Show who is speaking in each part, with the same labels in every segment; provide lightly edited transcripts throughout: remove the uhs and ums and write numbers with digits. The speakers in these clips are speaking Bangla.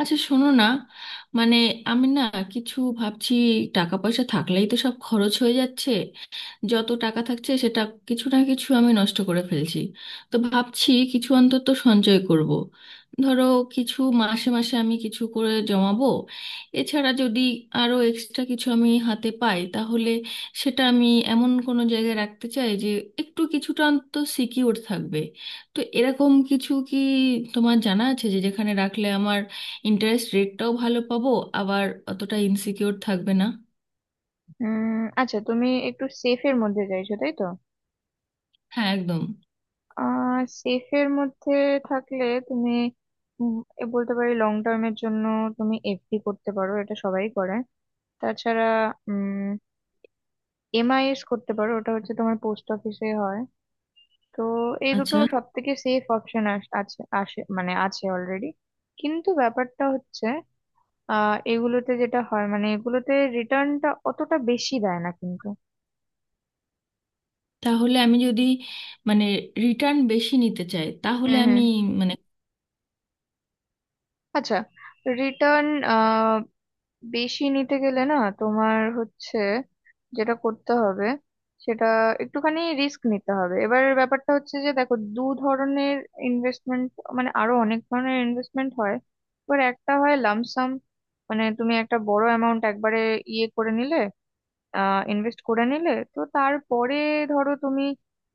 Speaker 1: আচ্ছা শোনো না, মানে আমি না কিছু ভাবছি। টাকা পয়সা থাকলেই তো সব খরচ হয়ে যাচ্ছে, যত টাকা থাকছে সেটা কিছু না কিছু আমি নষ্ট করে ফেলছি। তো ভাবছি কিছু অন্তত সঞ্চয় করব। ধরো কিছু মাসে মাসে আমি কিছু করে জমাবো, এছাড়া যদি আরো এক্সট্রা কিছু আমি হাতে পাই তাহলে সেটা আমি এমন কোনো জায়গায় রাখতে চাই যে একটু কিছুটা অন্তত সিকিউর থাকবে। তো এরকম কিছু কি তোমার জানা আছে যে যেখানে রাখলে আমার ইন্টারেস্ট রেটটাও ভালো পাবো, আবার অতটা ইনসিকিউর থাকবে না?
Speaker 2: আচ্ছা, তুমি একটু সেফের মধ্যে চাইছো, তাই তো?
Speaker 1: হ্যাঁ, একদম।
Speaker 2: সেফের মধ্যে থাকলে তুমি উম, এ বলতে পারি, লং টার্মের জন্য তুমি এফডি করতে পারো, এটা সবাই করে। তাছাড়া উম এমআইএস করতে পারো, ওটা হচ্ছে তোমার পোস্ট অফিসে হয়। তো এই দুটো
Speaker 1: আচ্ছা,
Speaker 2: সব থেকে সেফ অপশন আছে, আসে মানে আছে অলরেডি। কিন্তু ব্যাপারটা হচ্ছে, এগুলোতে যেটা হয়, মানে এগুলোতে রিটার্নটা অতটা বেশি দেয় না কিন্তু।
Speaker 1: তাহলে আমি যদি মানে রিটার্ন বেশি নিতে চাই তাহলে
Speaker 2: হুম,
Speaker 1: আমি
Speaker 2: হুম।
Speaker 1: মানে
Speaker 2: আচ্ছা, রিটার্ন বেশি নিতে গেলে না, তোমার হচ্ছে যেটা করতে হবে, সেটা একটুখানি রিস্ক নিতে হবে। এবার ব্যাপারটা হচ্ছে যে দেখো, দু ধরনের ইনভেস্টমেন্ট, মানে আরো অনেক ধরনের ইনভেস্টমেন্ট হয়। এবার একটা হয় লামসাম, মানে তুমি একটা বড় অ্যামাউন্ট একবারে ইয়ে করে নিলে, ইনভেস্ট করে নিলে, তো তারপরে ধরো তুমি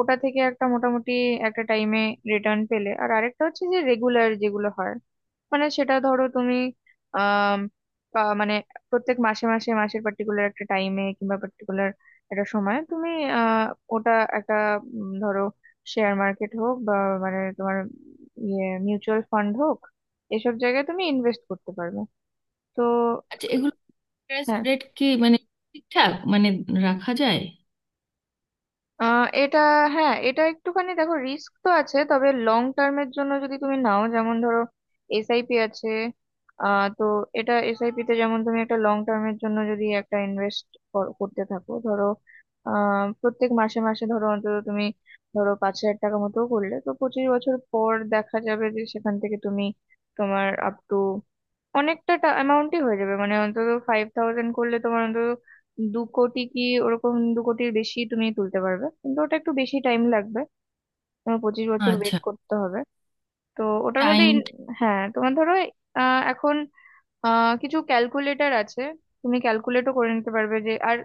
Speaker 2: ওটা থেকে একটা মোটামুটি একটা টাইমে রিটার্ন পেলে। আর আরেকটা হচ্ছে যে রেগুলার যেগুলো হয়, মানে সেটা ধরো তুমি আম, মানে প্রত্যেক মাসে মাসে মাসের পার্টিকুলার একটা টাইমে কিংবা পার্টিকুলার একটা সময় তুমি আহ, ওটা একটা ধরো শেয়ার মার্কেট হোক বা মানে তোমার ইয়ে মিউচুয়াল ফান্ড হোক, এসব জায়গায় তুমি ইনভেস্ট করতে পারবে তো।
Speaker 1: আচ্ছা, এগুলো ইন্টারেস্ট
Speaker 2: হ্যাঁ।
Speaker 1: রেট কি ঠিকঠাক রাখা যায়?
Speaker 2: এটা, হ্যাঁ, এটা একটুখানি দেখো, রিস্ক তো আছে, তবে লং টার্মের জন্য যদি তুমি নাও, যেমন ধরো এসআইপি আছে। তো এটা এসআইপি তে যেমন তুমি একটা লং টার্মের জন্য যদি একটা ইনভেস্ট করতে থাকো ধরো, প্রত্যেক মাসে মাসে ধরো অন্তত তুমি ধরো 5,000 টাকা মতো করলে, তো 25 বছর পর দেখা যাবে যে সেখান থেকে তুমি তোমার আপ টু অনেকটা অ্যামাউন্টই হয়ে যাবে, মানে অন্তত 5,000 করলে তোমার অন্তত 2 কোটি কি ওরকম 2 কোটির বেশি তুমি তুলতে পারবে, কিন্তু ওটা একটু বেশি টাইম লাগবে, তোমার 25 বছর
Speaker 1: আচ্ছা।
Speaker 2: ওয়েট করতে হবে। তো ওটার মধ্যে
Speaker 1: টাইম।
Speaker 2: হ্যাঁ, তোমার ধরো এখন কিছু ক্যালকুলেটর আছে, তুমি ক্যালকুলেটও করে নিতে পারবে যে। আর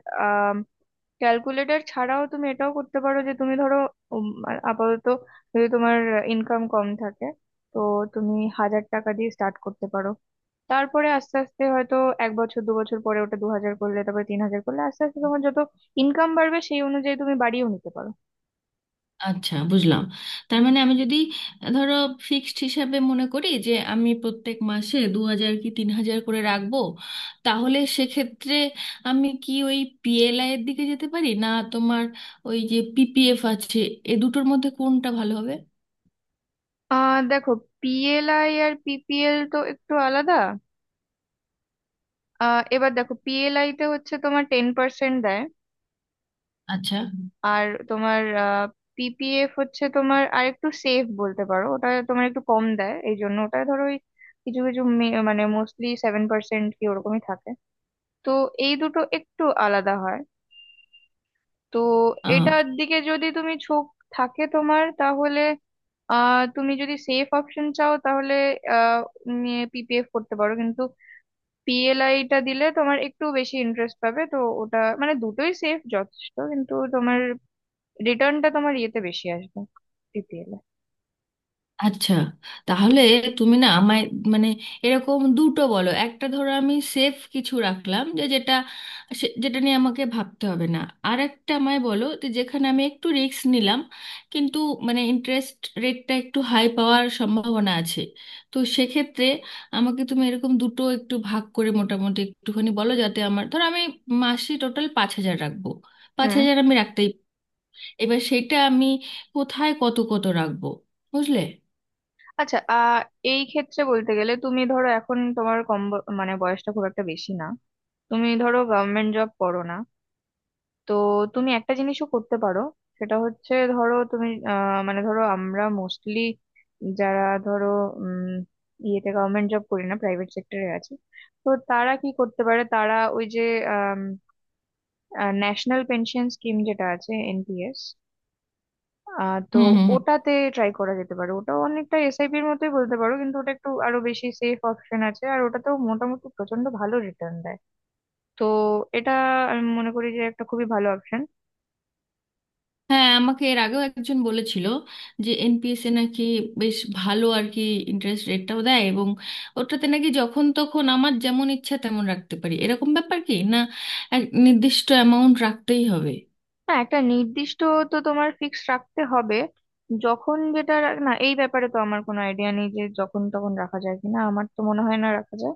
Speaker 2: ক্যালকুলেটর ছাড়াও তুমি এটাও করতে পারো যে তুমি ধরো আপাতত যদি তোমার ইনকাম কম থাকে, তো তুমি 1,000 টাকা দিয়ে স্টার্ট করতে পারো, তারপরে আস্তে আস্তে হয়তো এক বছর দু বছর পরে ওটা 2,000 করলে, তারপরে 3,000 করলে, আস্তে আস্তে তোমার যত ইনকাম বাড়বে সেই অনুযায়ী তুমি বাড়িয়েও নিতে পারো।
Speaker 1: আচ্ছা, বুঝলাম। তার মানে আমি যদি ধরো ফিক্সড হিসাবে মনে করি যে আমি প্রত্যেক মাসে 2,000 কি 3,000 করে রাখবো, তাহলে সেক্ষেত্রে আমি কি ওই পিএলআই এর দিকে যেতে পারি না? তোমার ওই যে পিপিএফ আছে, এ দুটোর মধ্যে কোনটা ভালো হবে?
Speaker 2: দেখো, পিএলআই আর পিপিএল তো একটু আলাদা। এবার দেখো, পিএলআই তে হচ্ছে তোমার 10% দেয়।
Speaker 1: আচ্ছা।
Speaker 2: আর তোমার পিপিএফ হচ্ছে তোমার আর একটু সেফ বলতে পারো, ওটা তোমার একটু কম দেয়, এই জন্য ওটা ধরো ওই কিছু কিছু মানে মোস্টলি 7% কি ওরকমই থাকে। তো এই দুটো একটু আলাদা হয়। তো এটার দিকে যদি তুমি ঝোঁক থাকে তোমার, তাহলে তুমি যদি সেফ অপশন চাও, তাহলে আহ পিপিএফ করতে পারো, কিন্তু পিএলআইটা দিলে তোমার একটু বেশি ইন্টারেস্ট পাবে, তো ওটা মানে দুটোই সেফ যথেষ্ট, কিন্তু তোমার রিটার্নটা তোমার ইয়েতে বেশি আসবে, পিপিএল এ।
Speaker 1: আচ্ছা, তাহলে তুমি না আমায় মানে এরকম দুটো বলো। একটা ধরো আমি সেফ কিছু রাখলাম যে যেটা যেটা নিয়ে আমাকে ভাবতে হবে না, আর একটা আমায় বলো যে যেখানে আমি একটু রিস্ক নিলাম, কিন্তু ইন্টারেস্ট রেটটা একটু হাই পাওয়ার সম্ভাবনা আছে। তো সেক্ষেত্রে আমাকে তুমি এরকম দুটো একটু ভাগ করে মোটামুটি একটুখানি বলো, যাতে আমার ধরো আমি মাসে টোটাল 5,000 রাখবো। পাঁচ
Speaker 2: হুম।
Speaker 1: হাজার আমি রাখতেই, এবার সেটা আমি কোথায় কত কত রাখবো, বুঝলে?
Speaker 2: আচ্ছা, এই ক্ষেত্রে বলতে গেলে তুমি ধরো, এখন তোমার কম মানে বয়সটা খুব একটা বেশি না, তুমি ধরো গভর্নমেন্ট জব করো না, তো তুমি একটা জিনিসও করতে পারো, সেটা হচ্ছে ধরো তুমি মানে ধরো আমরা মোস্টলি যারা ধরো উম ইয়েতে গভর্নমেন্ট জব করি না, প্রাইভেট সেক্টরে আছে, তো তারা কি করতে পারে, তারা ওই যে ন্যাশনাল পেনশন স্কিম যেটা আছে, এনপিএস। তো
Speaker 1: হুম, হুম।
Speaker 2: ওটাতে ট্রাই করা যেতে পারে, ওটাও অনেকটা এসআইপি এর মতোই বলতে পারো, কিন্তু ওটা একটু আরো বেশি সেফ অপশন আছে, আর ওটাতেও মোটামুটি প্রচন্ড ভালো রিটার্ন দেয়। তো এটা আমি মনে করি যে একটা খুবই ভালো অপশন।
Speaker 1: হ্যাঁ, আমাকে এর আগেও একজন বলেছিল যে এনপিএসএ নাকি বেশ ভালো আর কি, ইন্টারেস্ট রেটটাও দেয়, এবং ওটাতে নাকি যখন তখন আমার যেমন ইচ্ছা তেমন রাখতে পারি, এরকম ব্যাপার কি না এক নির্দিষ্ট অ্যামাউন্ট রাখতেই হবে?
Speaker 2: না, একটা নির্দিষ্ট, তো তোমার ফিক্স রাখতে হবে, যখন যেটা না, এই ব্যাপারে তো আমার কোনো আইডিয়া নেই যে যখন তখন রাখা যায় কিনা, আমার তো মনে হয় না রাখা যায়।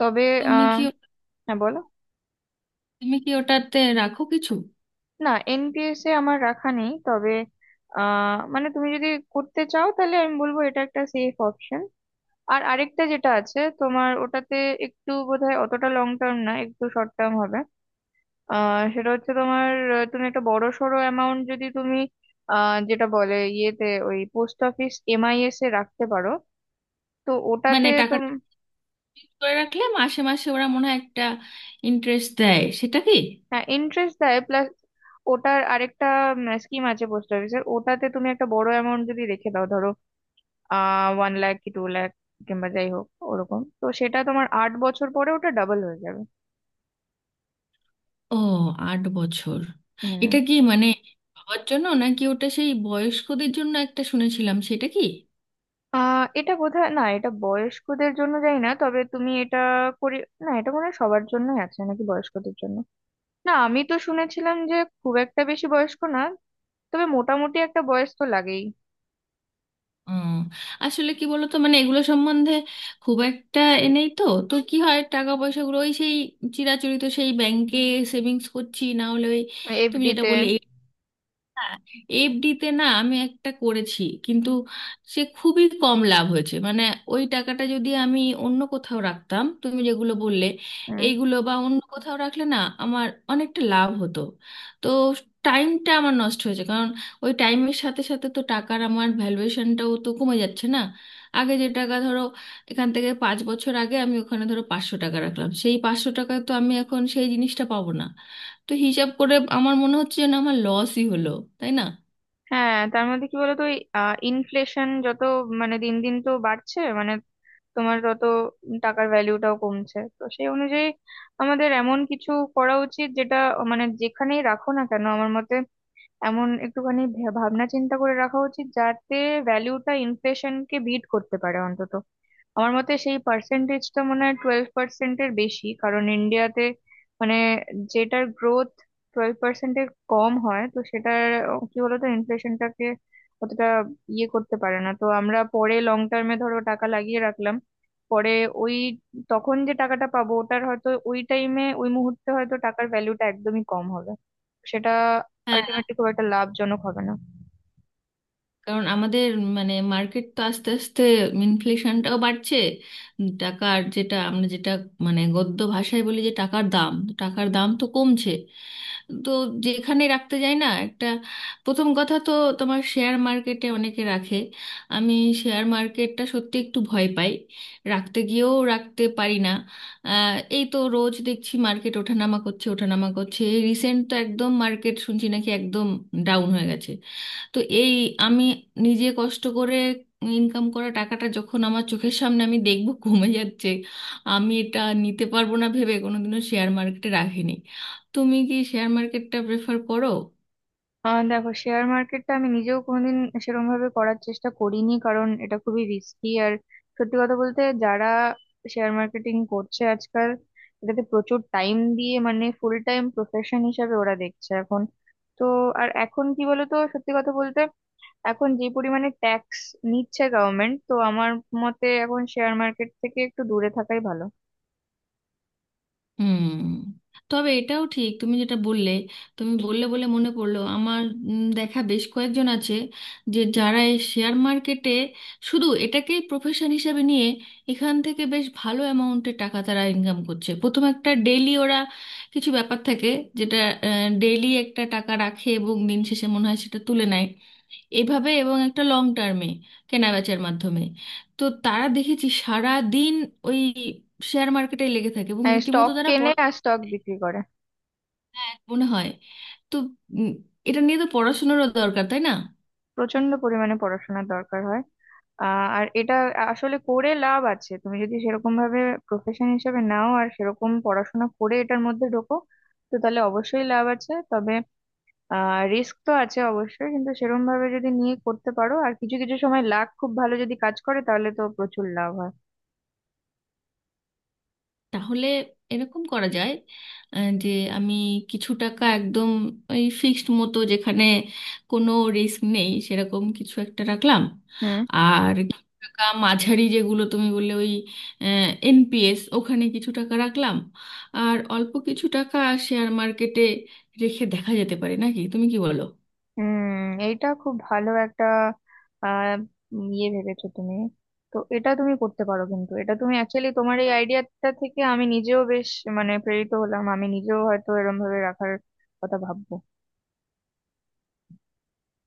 Speaker 2: তবে,
Speaker 1: তুমি
Speaker 2: আহ
Speaker 1: কি
Speaker 2: হ্যাঁ বলো।
Speaker 1: তুমি কি ওটাতে রাখো কিছু?
Speaker 2: না, এনপিএস এ আমার রাখা নেই, তবে মানে তুমি যদি করতে চাও তাহলে আমি বলবো এটা একটা সেফ অপশন। আর আরেকটা যেটা আছে তোমার, ওটাতে একটু বোধহয় অতটা লং টার্ম না, একটু শর্ট টার্ম হবে। সেটা হচ্ছে তোমার, তুমি একটা বড় সড়ো অ্যামাউন্ট যদি তুমি, যেটা বলে ইয়েতে ওই পোস্ট অফিস এমআইএস এ রাখতে পারো, তো ওটাতে
Speaker 1: টাকাটা
Speaker 2: তুমি।
Speaker 1: করে রাখলে মাসে মাসে ওরা মনে হয় একটা ইন্টারেস্ট দেয়, সেটা কি?
Speaker 2: হ্যাঁ, ইন্টারেস্ট দেয় প্লাস ওটার আরেকটা স্কিম আছে পোস্ট অফিসের, ওটাতে তুমি একটা বড় অ্যামাউন্ট যদি রেখে দাও, ধরো 1 লাখ কি 2 লাখ, কিংবা যাই হোক ওরকম, তো সেটা তোমার 8 বছর পরে ওটা ডাবল হয়ে যাবে।
Speaker 1: ও, 8 বছর।
Speaker 2: হুম।
Speaker 1: এটা কি বাবার জন্য নাকি? ওটা সেই বয়স্কদের জন্য একটা শুনেছিলাম, সেটা কি?
Speaker 2: এটা বোধহয় না, এটা বয়স্কদের জন্য যাই না, তবে তুমি এটা করি, না এটা মনে হয় সবার জন্যই আছে নাকি বয়স্কদের জন্য, না আমি তো শুনেছিলাম যে খুব একটা বেশি বয়স্ক না, তবে মোটামুটি একটা বয়স তো লাগেই।
Speaker 1: উম, আসলে কি বলতো, এগুলো সম্বন্ধে খুব একটা এ নেই তো। তো কি হয়, টাকা পয়সাগুলো ওই সেই চিরাচরিত সেই ব্যাংকে সেভিংস করছি, না হলে ওই তুমি
Speaker 2: এফডি
Speaker 1: যেটা
Speaker 2: তে।
Speaker 1: বললে, হ্যাঁ, এফডিতে। না আমি একটা করেছি কিন্তু সে খুবই কম লাভ হয়েছে। ওই টাকাটা যদি আমি অন্য কোথাও রাখতাম, তুমি যেগুলো বললে
Speaker 2: হুম,
Speaker 1: এইগুলো বা অন্য কোথাও রাখলে না, আমার অনেকটা লাভ হতো। তো টাইমটা আমার নষ্ট হয়েছে, কারণ ওই টাইমের সাথে সাথে তো টাকার আমার ভ্যালুয়েশনটাও তো কমে যাচ্ছে না। আগে যে টাকা ধরো এখান থেকে 5 বছর আগে আমি ওখানে ধরো 500 টাকা রাখলাম, সেই 500 টাকায় তো আমি এখন সেই জিনিসটা পাবো না। তো হিসাব করে আমার মনে হচ্ছে যেন আমার লসই হলো, তাই না?
Speaker 2: হ্যাঁ, তার মধ্যে কি বলতো, ইনফ্লেশন যত মানে দিন দিন তো বাড়ছে, মানে তোমার তত টাকার ভ্যালুটাও কমছে, তো সেই অনুযায়ী আমাদের এমন কিছু করা উচিত যেটা, মানে যেখানেই রাখো না কেন, আমার মতে এমন একটুখানি ভাবনা চিন্তা করে রাখা উচিত যাতে ভ্যালুটা ইনফ্লেশনকে বিট করতে পারে অন্তত। আমার মতে সেই পার্সেন্টেজটা মনে হয় 12%-এর বেশি, কারণ ইন্ডিয়াতে মানে যেটার গ্রোথ 12%-এর কম হয়, তো সেটার কি বলতো, ইনফ্লেশনটাকে অতটা ইয়ে করতে পারে না, তো আমরা পরে লং টার্মে ধরো টাকা লাগিয়ে রাখলাম, পরে ওই তখন যে টাকাটা পাবো ওটার হয়তো ওই টাইমে ওই মুহূর্তে হয়তো টাকার ভ্যালুটা একদমই কম হবে, সেটা
Speaker 1: হ্যাঁ।
Speaker 2: আলটিমেটলি খুব একটা লাভজনক হবে না।
Speaker 1: কারণ আমাদের মার্কেট তো আস্তে আস্তে ইনফ্লেশনটাও বাড়ছে। টাকার যেটা আমরা যেটা গদ্য ভাষায় বলি যে টাকার দাম, টাকার দাম তো কমছে। তো যেখানে রাখতে যাই না, একটা প্রথম কথা তো তোমার শেয়ার মার্কেটে অনেকে রাখে। আমি শেয়ার মার্কেটটা সত্যি একটু ভয় পাই, রাখতে গিয়েও রাখতে পারি না। এই তো রোজ দেখছি মার্কেট ওঠানামা করছে, ওঠানামা করছে। রিসেন্ট তো একদম মার্কেট শুনছি নাকি একদম ডাউন হয়ে গেছে। তো এই আমি নিজে কষ্ট করে ইনকাম করা টাকাটা যখন আমার চোখের সামনে আমি দেখব কমে যাচ্ছে, আমি এটা নিতে পারবো না ভেবে কোনোদিনও শেয়ার মার্কেটে রাখিনি। তুমি কি শেয়ার মার্কেটটা প্রেফার করো?
Speaker 2: দেখো, শেয়ার মার্কেটটা আমি নিজেও কোনোদিন সেরকম ভাবে করার চেষ্টা করিনি, কারণ এটা খুবই রিস্কি। আর সত্যি কথা বলতে, যারা শেয়ার মার্কেটিং করছে আজকাল, এটাতে প্রচুর টাইম দিয়ে মানে ফুল টাইম প্রফেশন হিসাবে ওরা দেখছে এখন, তো। আর এখন কি বলতো, সত্যি কথা বলতে এখন যে পরিমাণে ট্যাক্স নিচ্ছে গভর্নমেন্ট, তো আমার মতে এখন শেয়ার মার্কেট থেকে একটু দূরে থাকাই ভালো।
Speaker 1: হুম। তবে এটাও ঠিক তুমি যেটা বললে, তুমি বললে বলে মনে পড়লো আমার। দেখা বেশ কয়েকজন আছে যে যারা এই শেয়ার মার্কেটে শুধু এটাকেই প্রফেশন হিসাবে নিয়ে এখান থেকে বেশ ভালো অ্যামাউন্টের টাকা তারা ইনকাম করছে। প্রথম একটা ডেইলি ওরা কিছু ব্যাপার থাকে, যেটা ডেইলি একটা টাকা রাখে এবং দিন শেষে মনে হয় সেটা তুলে নেয়, এভাবে, এবং একটা লং টার্মে কেনাবেচার মাধ্যমে। তো তারা দেখেছি সারা দিন ওই শেয়ার মার্কেটে লেগে থাকে এবং
Speaker 2: স্টক
Speaker 1: রীতিমতো
Speaker 2: কেনে আর স্টক বিক্রি করে।
Speaker 1: হ্যাঁ মনে হয়। তো উম, এটা নিয়ে তো পড়াশোনারও দরকার, তাই না?
Speaker 2: প্রচন্ড পরিমাণে পড়াশোনার দরকার হয়। আর এটা আসলে করে লাভ আছে, তুমি যদি সেরকম ভাবে প্রফেশন হিসেবে নাও আর সেরকম পড়াশোনা করে এটার মধ্যে ঢোকো, তো তাহলে অবশ্যই লাভ আছে। তবে রিস্ক তো আছে অবশ্যই, কিন্তু সেরকম ভাবে যদি নিয়ে করতে পারো আর কিছু কিছু সময় লাক খুব ভালো যদি কাজ করে তাহলে তো প্রচুর লাভ হয়।
Speaker 1: তাহলে এরকম করা যায়, যে আমি কিছু টাকা একদম ওই ফিক্সড মতো যেখানে কোনো রিস্ক নেই সেরকম কিছু একটা রাখলাম,
Speaker 2: হুম,
Speaker 1: আর কিছু টাকা মাঝারি যেগুলো তুমি বললে ওই এনপিএস, ওখানে কিছু টাকা রাখলাম, আর অল্প কিছু টাকা শেয়ার মার্কেটে রেখে দেখা যেতে পারে নাকি, তুমি কি বলো?
Speaker 2: হুম। এইটা খুব ভালো একটা আহ ইয়ে ভেবেছো তুমি, তো এটা তুমি করতে পারো, কিন্তু এটা তুমি অ্যাকচুয়ালি তোমার এই আইডিয়াটা থেকে আমি নিজেও বেশ, মানে প্রেরিত হলাম, আমি নিজেও হয়তো এরম ভাবে রাখার কথা ভাববো।